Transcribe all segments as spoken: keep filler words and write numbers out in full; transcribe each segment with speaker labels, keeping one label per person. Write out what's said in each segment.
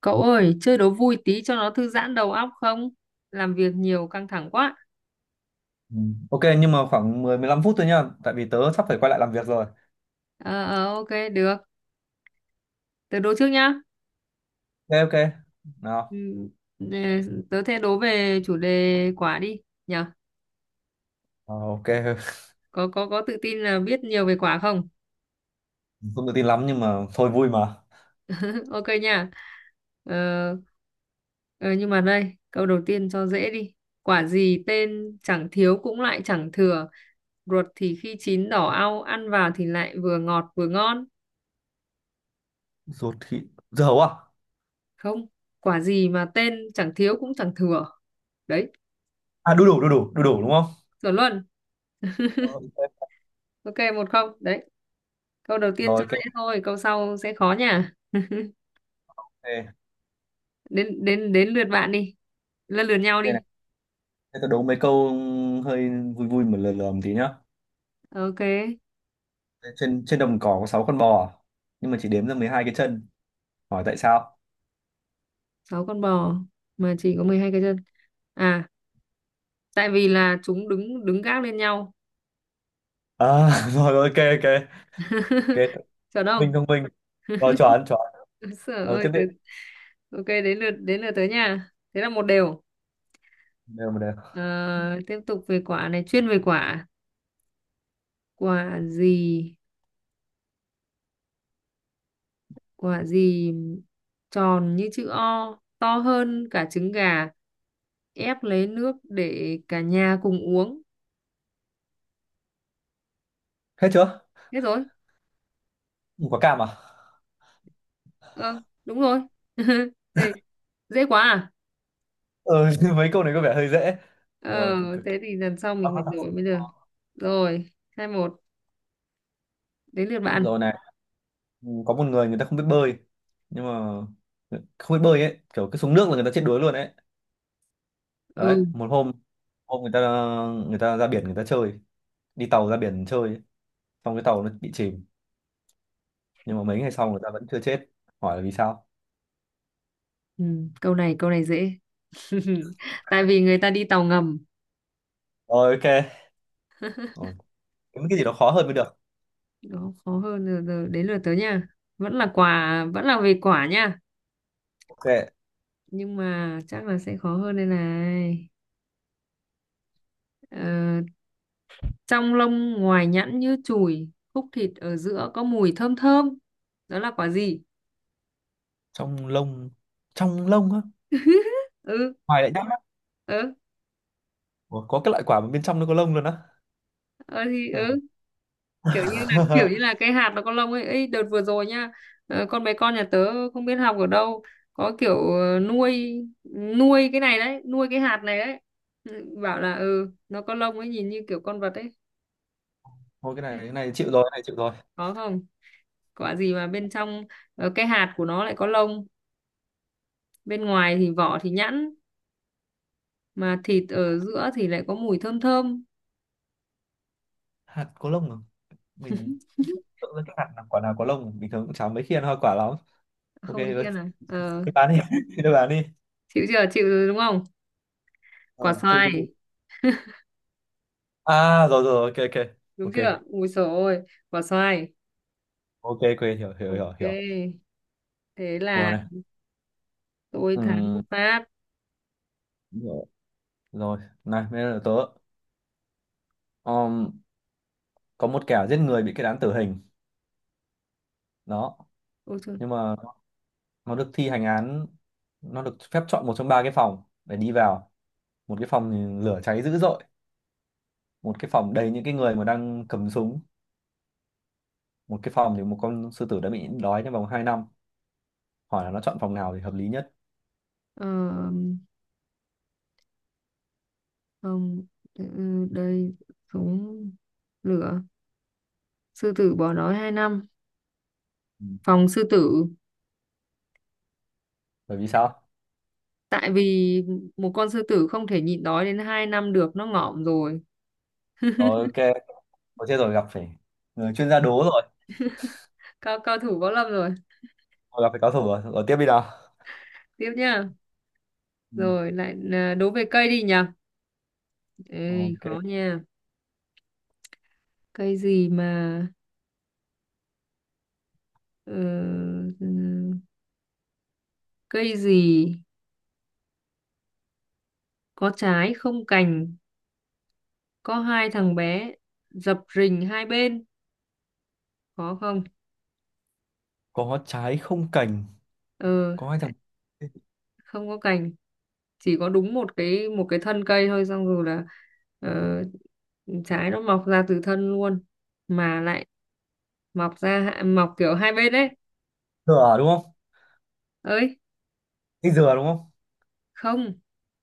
Speaker 1: Cậu ơi, chơi đố vui tí cho nó thư giãn đầu óc không? Làm việc nhiều căng thẳng quá.
Speaker 2: Ừ. Ok nhưng mà khoảng mười mười 15 phút thôi nhá, tại vì tớ sắp phải quay lại làm việc rồi.
Speaker 1: Ờ, ờ, ok, được. Tớ đố trước nhá.
Speaker 2: Ok, ok.
Speaker 1: Ừ,
Speaker 2: Nào.
Speaker 1: ừ, tớ thế đố về chủ đề quả đi. Nhờ,
Speaker 2: Ờ, ok.
Speaker 1: có có có tự tin là biết nhiều về quả không?
Speaker 2: Không tự tin lắm nhưng mà thôi, vui mà.
Speaker 1: Ok nha. Ờ, ờ, nhưng mà đây, câu đầu tiên cho dễ đi. Quả gì tên chẳng thiếu cũng lại chẳng thừa. Ruột thì khi chín đỏ au, ăn vào thì lại vừa ngọt vừa ngon.
Speaker 2: Ruột thịt dưa hấu à?
Speaker 1: Không, quả gì mà tên chẳng thiếu cũng chẳng thừa đấy.
Speaker 2: À, đu đủ đu đủ đu đủ, đúng không?
Speaker 1: Chuẩn luôn.
Speaker 2: Ờ, ok.
Speaker 1: Ok, một không đấy. Câu đầu tiên cho
Speaker 2: Rồi, ok,
Speaker 1: dễ thôi, câu sau sẽ khó nha.
Speaker 2: ok,
Speaker 1: đến đến đến lượt bạn đi. Lần lượt
Speaker 2: ok
Speaker 1: nhau đi.
Speaker 2: này. Thế tớ đố mấy câu hơi vui vui mà lừa lừa một tí nhá.
Speaker 1: Ok.
Speaker 2: Trên trên đồng cỏ có sáu con bò à, nhưng mà chỉ đếm ra mười hai cái chân. Hỏi tại sao?
Speaker 1: Sáu con bò mà chỉ có mười hai cái chân à? Tại vì là chúng đứng đứng gác lên nhau.
Speaker 2: À, rồi, ok, ok. Ok, thông
Speaker 1: Chuẩn
Speaker 2: minh
Speaker 1: không?
Speaker 2: thông minh. Rồi, chuẩn chuẩn.
Speaker 1: Sợ
Speaker 2: Rồi
Speaker 1: ơi.
Speaker 2: tiếp đi.
Speaker 1: Tới- ok, đến lượt đến lượt tới nha, thế là một đều.
Speaker 2: Đều mà đều.
Speaker 1: Ờ, Tiếp tục về quả này, chuyên về quả, quả gì, quả gì tròn như chữ O, to hơn cả trứng gà, ép lấy nước để cả nhà cùng uống.
Speaker 2: Hết chưa?
Speaker 1: Hết rồi.
Speaker 2: Quả cam à?
Speaker 1: Ờ, đúng rồi. Ê, dễ quá à?
Speaker 2: Ừ, mấy câu này có vẻ hơi dễ, rồi
Speaker 1: Ờ,
Speaker 2: cực- cực-
Speaker 1: Thế thì lần sau mình phải đổi mới được. Rồi, hai một, đến lượt bạn.
Speaker 2: rồi này. Ừ, có một người người ta không biết bơi, nhưng mà không biết bơi ấy kiểu cứ xuống nước là người ta chết đuối luôn ấy. Đấy,
Speaker 1: Ừ,
Speaker 2: một hôm hôm người ta người ta ra biển, người ta chơi, đi tàu ra biển chơi, xong cái tàu nó bị chìm, nhưng mà mấy ngày sau người ta vẫn chưa chết. Hỏi là vì sao.
Speaker 1: ừ, câu này, câu này dễ. Tại vì người ta đi tàu ngầm.
Speaker 2: Rồi, ok. Rồi, kiếm cái gì
Speaker 1: Đấy,
Speaker 2: đó khó hơn mới được.
Speaker 1: đó, khó hơn rồi, rồi, đến lượt tớ nha. Vẫn là quả, vẫn là về quả nha.
Speaker 2: Ok.
Speaker 1: Nhưng mà chắc là sẽ khó hơn đây này. Ờ, Trong lông ngoài nhẵn như chùi, khúc thịt ở giữa có mùi thơm thơm. Đó là quả gì?
Speaker 2: Trong lông, trong lông á?
Speaker 1: Ừ,
Speaker 2: Ngoài lại nhá.
Speaker 1: ừ,
Speaker 2: Ủa, có cái loại quả mà bên trong nó có lông luôn á?
Speaker 1: ừ thì
Speaker 2: Ừ.
Speaker 1: ừ, kiểu như là kiểu như là cái hạt nó có lông ấy. Ê, đợt vừa rồi nhá, ờ, con bé con nhà tớ không biết học ở đâu, có kiểu ờ, nuôi nuôi cái này đấy, nuôi cái hạt này đấy. Ừ, bảo là ừ, nó có lông ấy, nhìn như kiểu con vật ấy.
Speaker 2: Thôi, cái này cái này chịu rồi, cái này chịu rồi.
Speaker 1: Có không? Quả gì mà bên trong ờ, cái hạt của nó lại có lông, bên ngoài thì vỏ thì nhẵn, mà thịt ở giữa thì lại có mùi thơm thơm.
Speaker 2: Hạt có lông à? Mình chưa tưởng ra cái hạt là quả nào có lông, bình thường cũng chả mấy khi ăn hoa quả lắm. Ok
Speaker 1: Không, ý
Speaker 2: rồi,
Speaker 1: kia này. ờ,
Speaker 2: chị bán đi. Chị đưa bán đi.
Speaker 1: Chịu chưa, chịu rồi đúng không? Quả
Speaker 2: Ờ, chị, chị, chị.
Speaker 1: xoài.
Speaker 2: À, rồi rồi, ok ok
Speaker 1: Đúng
Speaker 2: ok
Speaker 1: chưa, ui dồi ôi. Quả xoài.
Speaker 2: ok ok, hiểu hiểu hiểu hiểu.
Speaker 1: Ok, thế
Speaker 2: Rồi
Speaker 1: là
Speaker 2: này.
Speaker 1: tôi thắng một
Speaker 2: Ừm,
Speaker 1: phát.
Speaker 2: hiểu. Rồi này, bây giờ là tớ. Ờm, có một kẻ giết người bị kết án tử hình, đó.
Speaker 1: Ôi trời.
Speaker 2: Nhưng mà nó được thi hành án, nó được phép chọn một trong ba cái phòng để đi vào. Một cái phòng thì lửa cháy dữ dội, một cái phòng đầy những cái người mà đang cầm súng, một cái phòng thì một con sư tử đã bị nhịn đói trong vòng hai năm. Hỏi là nó chọn phòng nào thì hợp lý nhất.
Speaker 1: ờ, Không, ừ, đây. Súng, lửa, sư tử bỏ đói hai năm.
Speaker 2: Ừ.
Speaker 1: Phòng sư tử.
Speaker 2: Bởi vì sao?
Speaker 1: Tại vì một con sư tử không thể nhịn đói đến hai năm được, nó ngỏm rồi.
Speaker 2: Rồi, ok. Có chết rồi, gặp phải người chuyên gia đố rồi.
Speaker 1: Cao cao thủ võ lâm rồi.
Speaker 2: Rồi, gặp phải cao thủ rồi. Rồi tiếp đi nào.
Speaker 1: Tiếp nhá.
Speaker 2: Ừ.
Speaker 1: Rồi lại à, đố về cây đi nhỉ. Ê,
Speaker 2: Ok.
Speaker 1: khó nha. Cây gì mà ờ, ừ, cây gì có trái không cành, có hai thằng bé dập rình hai bên, khó không?
Speaker 2: Có trái không cành,
Speaker 1: Ờ,
Speaker 2: có hai thằng.
Speaker 1: Không có cành, chỉ có đúng một cái một cái thân cây thôi, xong rồi là ờ, trái nó mọc ra từ thân luôn, mà lại mọc ra hạ- mọc kiểu hai bên ấy.
Speaker 2: Dừa à, đúng không?
Speaker 1: Ơi,
Speaker 2: Cái dừa, đúng không?
Speaker 1: không.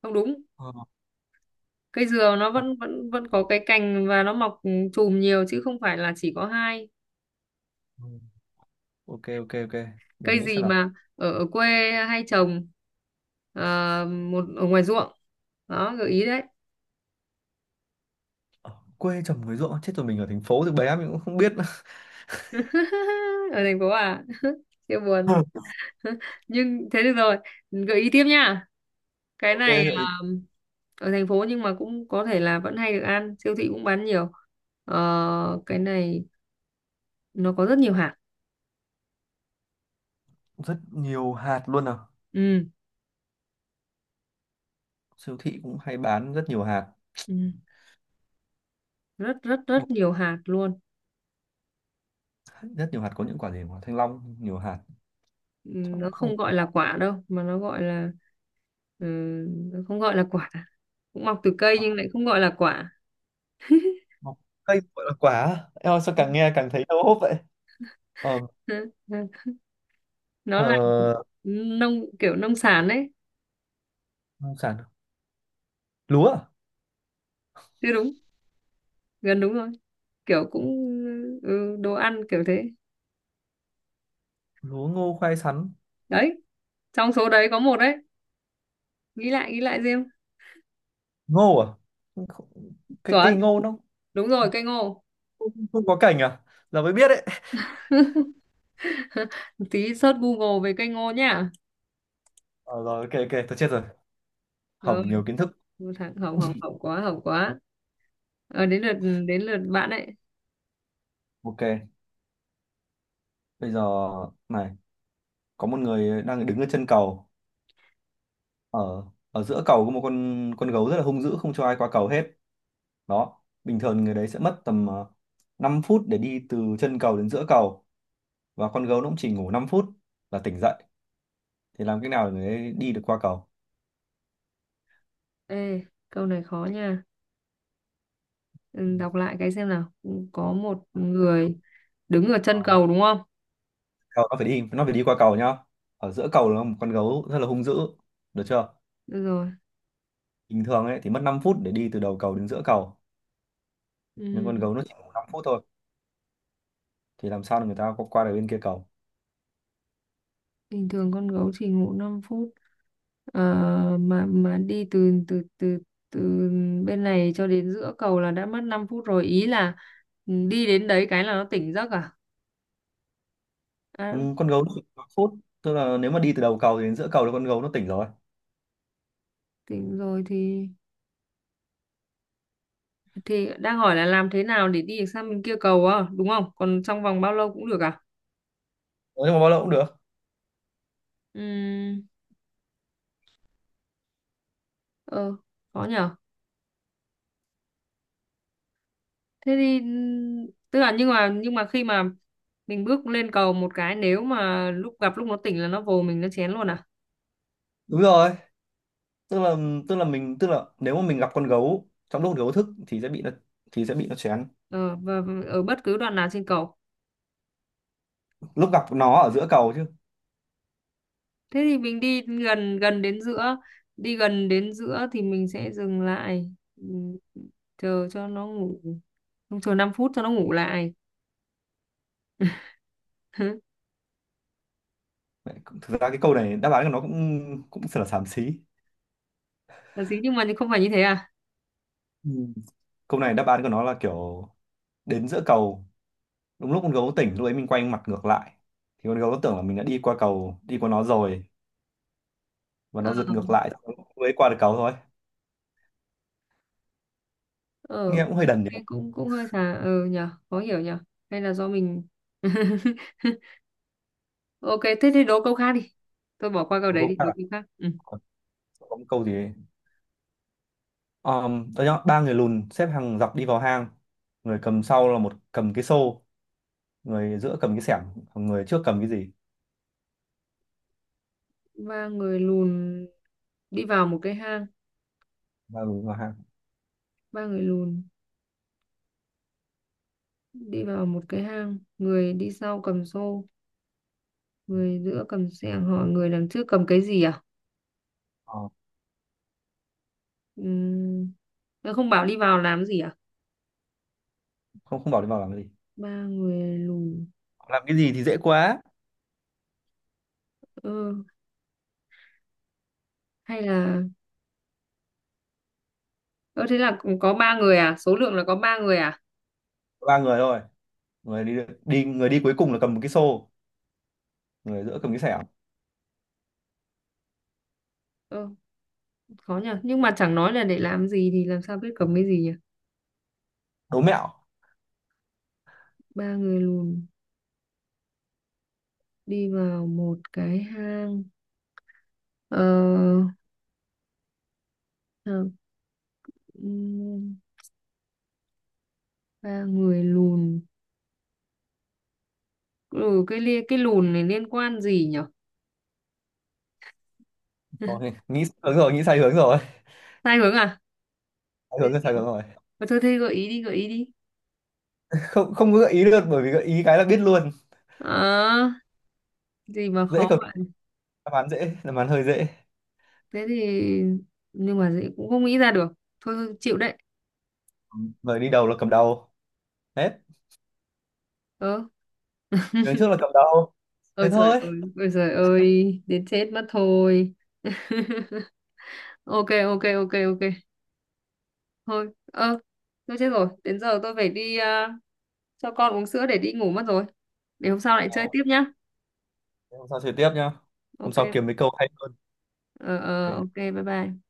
Speaker 1: Không đúng.
Speaker 2: Ờ.
Speaker 1: Cây dừa nó
Speaker 2: Ờ.
Speaker 1: vẫn vẫn vẫn có cái cành và nó mọc ừ, chùm nhiều chứ không phải là chỉ có hai.
Speaker 2: Ok ok ok, để
Speaker 1: Cây
Speaker 2: nghĩ
Speaker 1: gì
Speaker 2: xem nào.
Speaker 1: mà ở, ở quê hay trồng, ờ, một ở ngoài ruộng, đó gợi ý đấy.
Speaker 2: Ở quê trồng người ruộng, chết rồi, mình ở thành phố thì bé mình cũng không biết.
Speaker 1: Ở thành phố à? Siêu buồn. Nhưng thế được rồi, gợi ý tiếp nha, cái
Speaker 2: Ok,
Speaker 1: này.
Speaker 2: gợi ý.
Speaker 1: ờ, Ở thành phố nhưng mà cũng có thể là vẫn hay được ăn, siêu thị cũng bán nhiều. Ờ, cái này nó có rất nhiều hạt.
Speaker 2: Rất nhiều hạt luôn à?
Speaker 1: Ừ,
Speaker 2: Siêu thị cũng hay bán rất nhiều hạt.
Speaker 1: ừ. Rất rất rất
Speaker 2: Ừ,
Speaker 1: nhiều hạt luôn.
Speaker 2: rất nhiều hạt có những quả gì? Quả thanh long nhiều hạt. Chắc
Speaker 1: Nó
Speaker 2: cũng không
Speaker 1: không
Speaker 2: quả.
Speaker 1: gọi là quả đâu, mà nó gọi là. ừ, nó không gọi là quả, cũng mọc từ cây nhưng
Speaker 2: quả-
Speaker 1: lại không gọi là quả.
Speaker 2: quả- cây gọi là quả á? Em ơi, sao càng nghe càng thấy đau hốp vậy? ờ
Speaker 1: Ừ, ừ, ừ. Nó
Speaker 2: ờ
Speaker 1: là nông, kiểu nông sản đấy.
Speaker 2: nông sản? Lúa à?
Speaker 1: Chứ đúng, gần đúng rồi, kiểu cũng ừ, đồ ăn kiểu thế.
Speaker 2: Lúa, ngô, khoai, sắn.
Speaker 1: Đấy, trong số đấy có một đấy, nghĩ lại, nghĩ lại riêng.
Speaker 2: Ngô à? Không- không- cái cây
Speaker 1: Chuẩn,
Speaker 2: ngô nó
Speaker 1: đúng rồi, cây ngô.
Speaker 2: không, không có cành à? Giờ mới biết đấy.
Speaker 1: Tí search Google về cây ngô nhá.
Speaker 2: Ờ, rồi, ok ok, tôi chết rồi,
Speaker 1: Rồi,
Speaker 2: hỏng nhiều kiến thức.
Speaker 1: một thằng hỏng hỏng hỏng quá, hỏng quá. Ờ, đến lượt đến lượt bạn ấy.
Speaker 2: Ok, bây giờ này, có một người đang đứng ở chân cầu, ở ở giữa cầu có một con con gấu rất là hung dữ, không cho ai qua cầu hết đó. Bình thường người đấy sẽ mất tầm ờ, năm phút để đi từ chân cầu đến giữa cầu, và con gấu nó cũng chỉ ngủ năm phút là tỉnh dậy, thì làm cách nào để người ấy đi được qua cầu?
Speaker 1: Ê, câu này khó nha. Ừ, đọc lại cái xem nào. Ừ, có một người đứng ở
Speaker 2: Ờ,
Speaker 1: chân cầu đúng không?
Speaker 2: cầu nó phải đi nó phải đi qua cầu nhá. Ở giữa cầu là một con gấu rất là hung dữ, được chưa?
Speaker 1: Được rồi.
Speaker 2: Bình thường ấy thì mất năm phút để đi từ đầu cầu đến giữa cầu, nhưng
Speaker 1: Ừ,
Speaker 2: con gấu nó chỉ ngủ năm phút thôi, thì làm sao để người ta qua qua được bên kia cầu?
Speaker 1: bình thường con gấu chỉ ngủ năm phút. Ờ, mà mà đi từ từ từ từ bên này cho đến giữa cầu là đã mất năm phút rồi. Ý là ừ, đi đến đấy cái là nó tỉnh giấc à?
Speaker 2: Ừ,
Speaker 1: À,
Speaker 2: con gấu nó chỉ năm phút, tức là nếu mà đi từ đầu cầu đến giữa cầu là con gấu nó tỉnh rồi.
Speaker 1: tỉnh rồi thì thì đang hỏi là làm thế nào để đi được sang bên kia cầu à, đúng không? Còn trong vòng bao lâu cũng được à?
Speaker 2: Nói chung là bao lâu cũng được.
Speaker 1: Ừ, ờ, khó nhở. Thế thì ừm, tức là nhưng mà nhưng mà khi mà mình bước lên cầu một cái, nếu mà lúc gặp lúc nó tỉnh là nó vồ mình, nó chén luôn à.
Speaker 2: Đúng rồi, tức là tức là mình tức là nếu mà mình gặp con gấu trong lúc con gấu thức thì sẽ bị nó thì sẽ bị nó chén.
Speaker 1: ờ, và và ở bất cứ đoạn nào trên cầu.
Speaker 2: Lúc gặp nó ở giữa cầu chứ.
Speaker 1: Thế thì mình đi gần gần đến giữa, đi gần đến giữa thì mình sẽ dừng lại, ừm, chờ cho nó ngủ. Không, chờ năm phút cho nó ngủ lại.
Speaker 2: Vậy, thực ra cái câu này đáp án của nó cũng cũng thật là xàm xí.
Speaker 1: Là gì, nhưng mà không phải như thế à?
Speaker 2: Ừ. Câu này đáp án của nó là kiểu, đến giữa cầu đúng lúc con gấu tỉnh, lúc ấy mình quay mặt ngược lại, thì con gấu nó tưởng là mình đã đi qua cầu, đi qua nó rồi, và nó
Speaker 1: ờ
Speaker 2: giật ngược lại, mới qua được cầu thôi.
Speaker 1: ờ,
Speaker 2: Nghe cũng hơi đần nhỉ.
Speaker 1: Nghe cũng cũng hơi khá, ờ nhờ khó hiểu nhờ. Hay là do mình? Ok, thế thì đố câu khác đi. Tôi bỏ qua câu
Speaker 2: Cuối
Speaker 1: đấy đi,
Speaker 2: cùng
Speaker 1: đố
Speaker 2: là
Speaker 1: câu khác. Ừ.
Speaker 2: có một câu gì ấy. um, đó nhá, ba người lùn xếp hàng dọc đi vào hang, người cầm sau là một cầm cái xô, người giữa cầm cái xẻng, còn người trước cầm cái gì?
Speaker 1: Ba người lùn đi vào một cái hang.
Speaker 2: Ba người vào hang.
Speaker 1: Ba người lùn đi vào một cái hang, người đi sau cầm xô, người giữa cầm xẻng, hỏi người đằng trước cầm cái gì à?
Speaker 2: Ờ,
Speaker 1: Ừm, nó không bảo đi vào làm gì à?
Speaker 2: không, không bảo đi vào làm cái gì.
Speaker 1: Ba người lùn.
Speaker 2: Làm cái gì thì dễ quá.
Speaker 1: Ơ, hay là ơ, thế là cũng có ba người à, số lượng là có ba người à?
Speaker 2: Ba người thôi, người đi đi người đi cuối cùng là cầm một cái xô, người giữa cầm cái xẻng.
Speaker 1: Ơ, khó nhỉ, nhưng mà chẳng nói là để làm gì thì làm sao biết cầm cái gì nhỉ.
Speaker 2: Đố mẹo.
Speaker 1: Ba người lùn đi vào một cái hang, ờ, ờ, ừm, ba người lùn, ừ, cái li- cái lùn này liên quan gì nhỉ.
Speaker 2: Thôi, nghĩ sai hướng rồi, nghĩ sai hướng rồi.
Speaker 1: Sai hướng à?
Speaker 2: Sai
Speaker 1: Thế,
Speaker 2: hướng rồi, sai hướng rồi.
Speaker 1: ờ, thôi thế gợi ý đi, gợi ý đi.
Speaker 2: Không, không có gợi ý được, bởi vì gợi ý cái là biết luôn.
Speaker 1: Ờ, gì mà
Speaker 2: Dễ
Speaker 1: khó
Speaker 2: cầm,
Speaker 1: vậy.
Speaker 2: đáp án dễ đáp án hơi dễ.
Speaker 1: Thế thì nhưng mà dễ- cũng không nghĩ ra được. Thôi thôi, chịu đấy.
Speaker 2: Người đi đầu là cầm đầu, hết.
Speaker 1: Ờ.
Speaker 2: Người trước là cầm đầu,
Speaker 1: Ôi
Speaker 2: thế
Speaker 1: trời
Speaker 2: thôi.
Speaker 1: ơi. Ôi trời ơi, đến chết mất thôi. Ok. Ok, ok, ok. Thôi. Ơ. Tôi chết rồi, đến giờ tôi phải đi à, cho con uống sữa để đi ngủ mất rồi. Để hôm sau lại chơi
Speaker 2: Ờ,
Speaker 1: tiếp nhá.
Speaker 2: thế hôm sau chơi tiếp nhá, hôm
Speaker 1: Ok.
Speaker 2: sau kiếm mấy câu hay hơn.
Speaker 1: Ờ, ờ, ok,
Speaker 2: Ok.
Speaker 1: bye bye.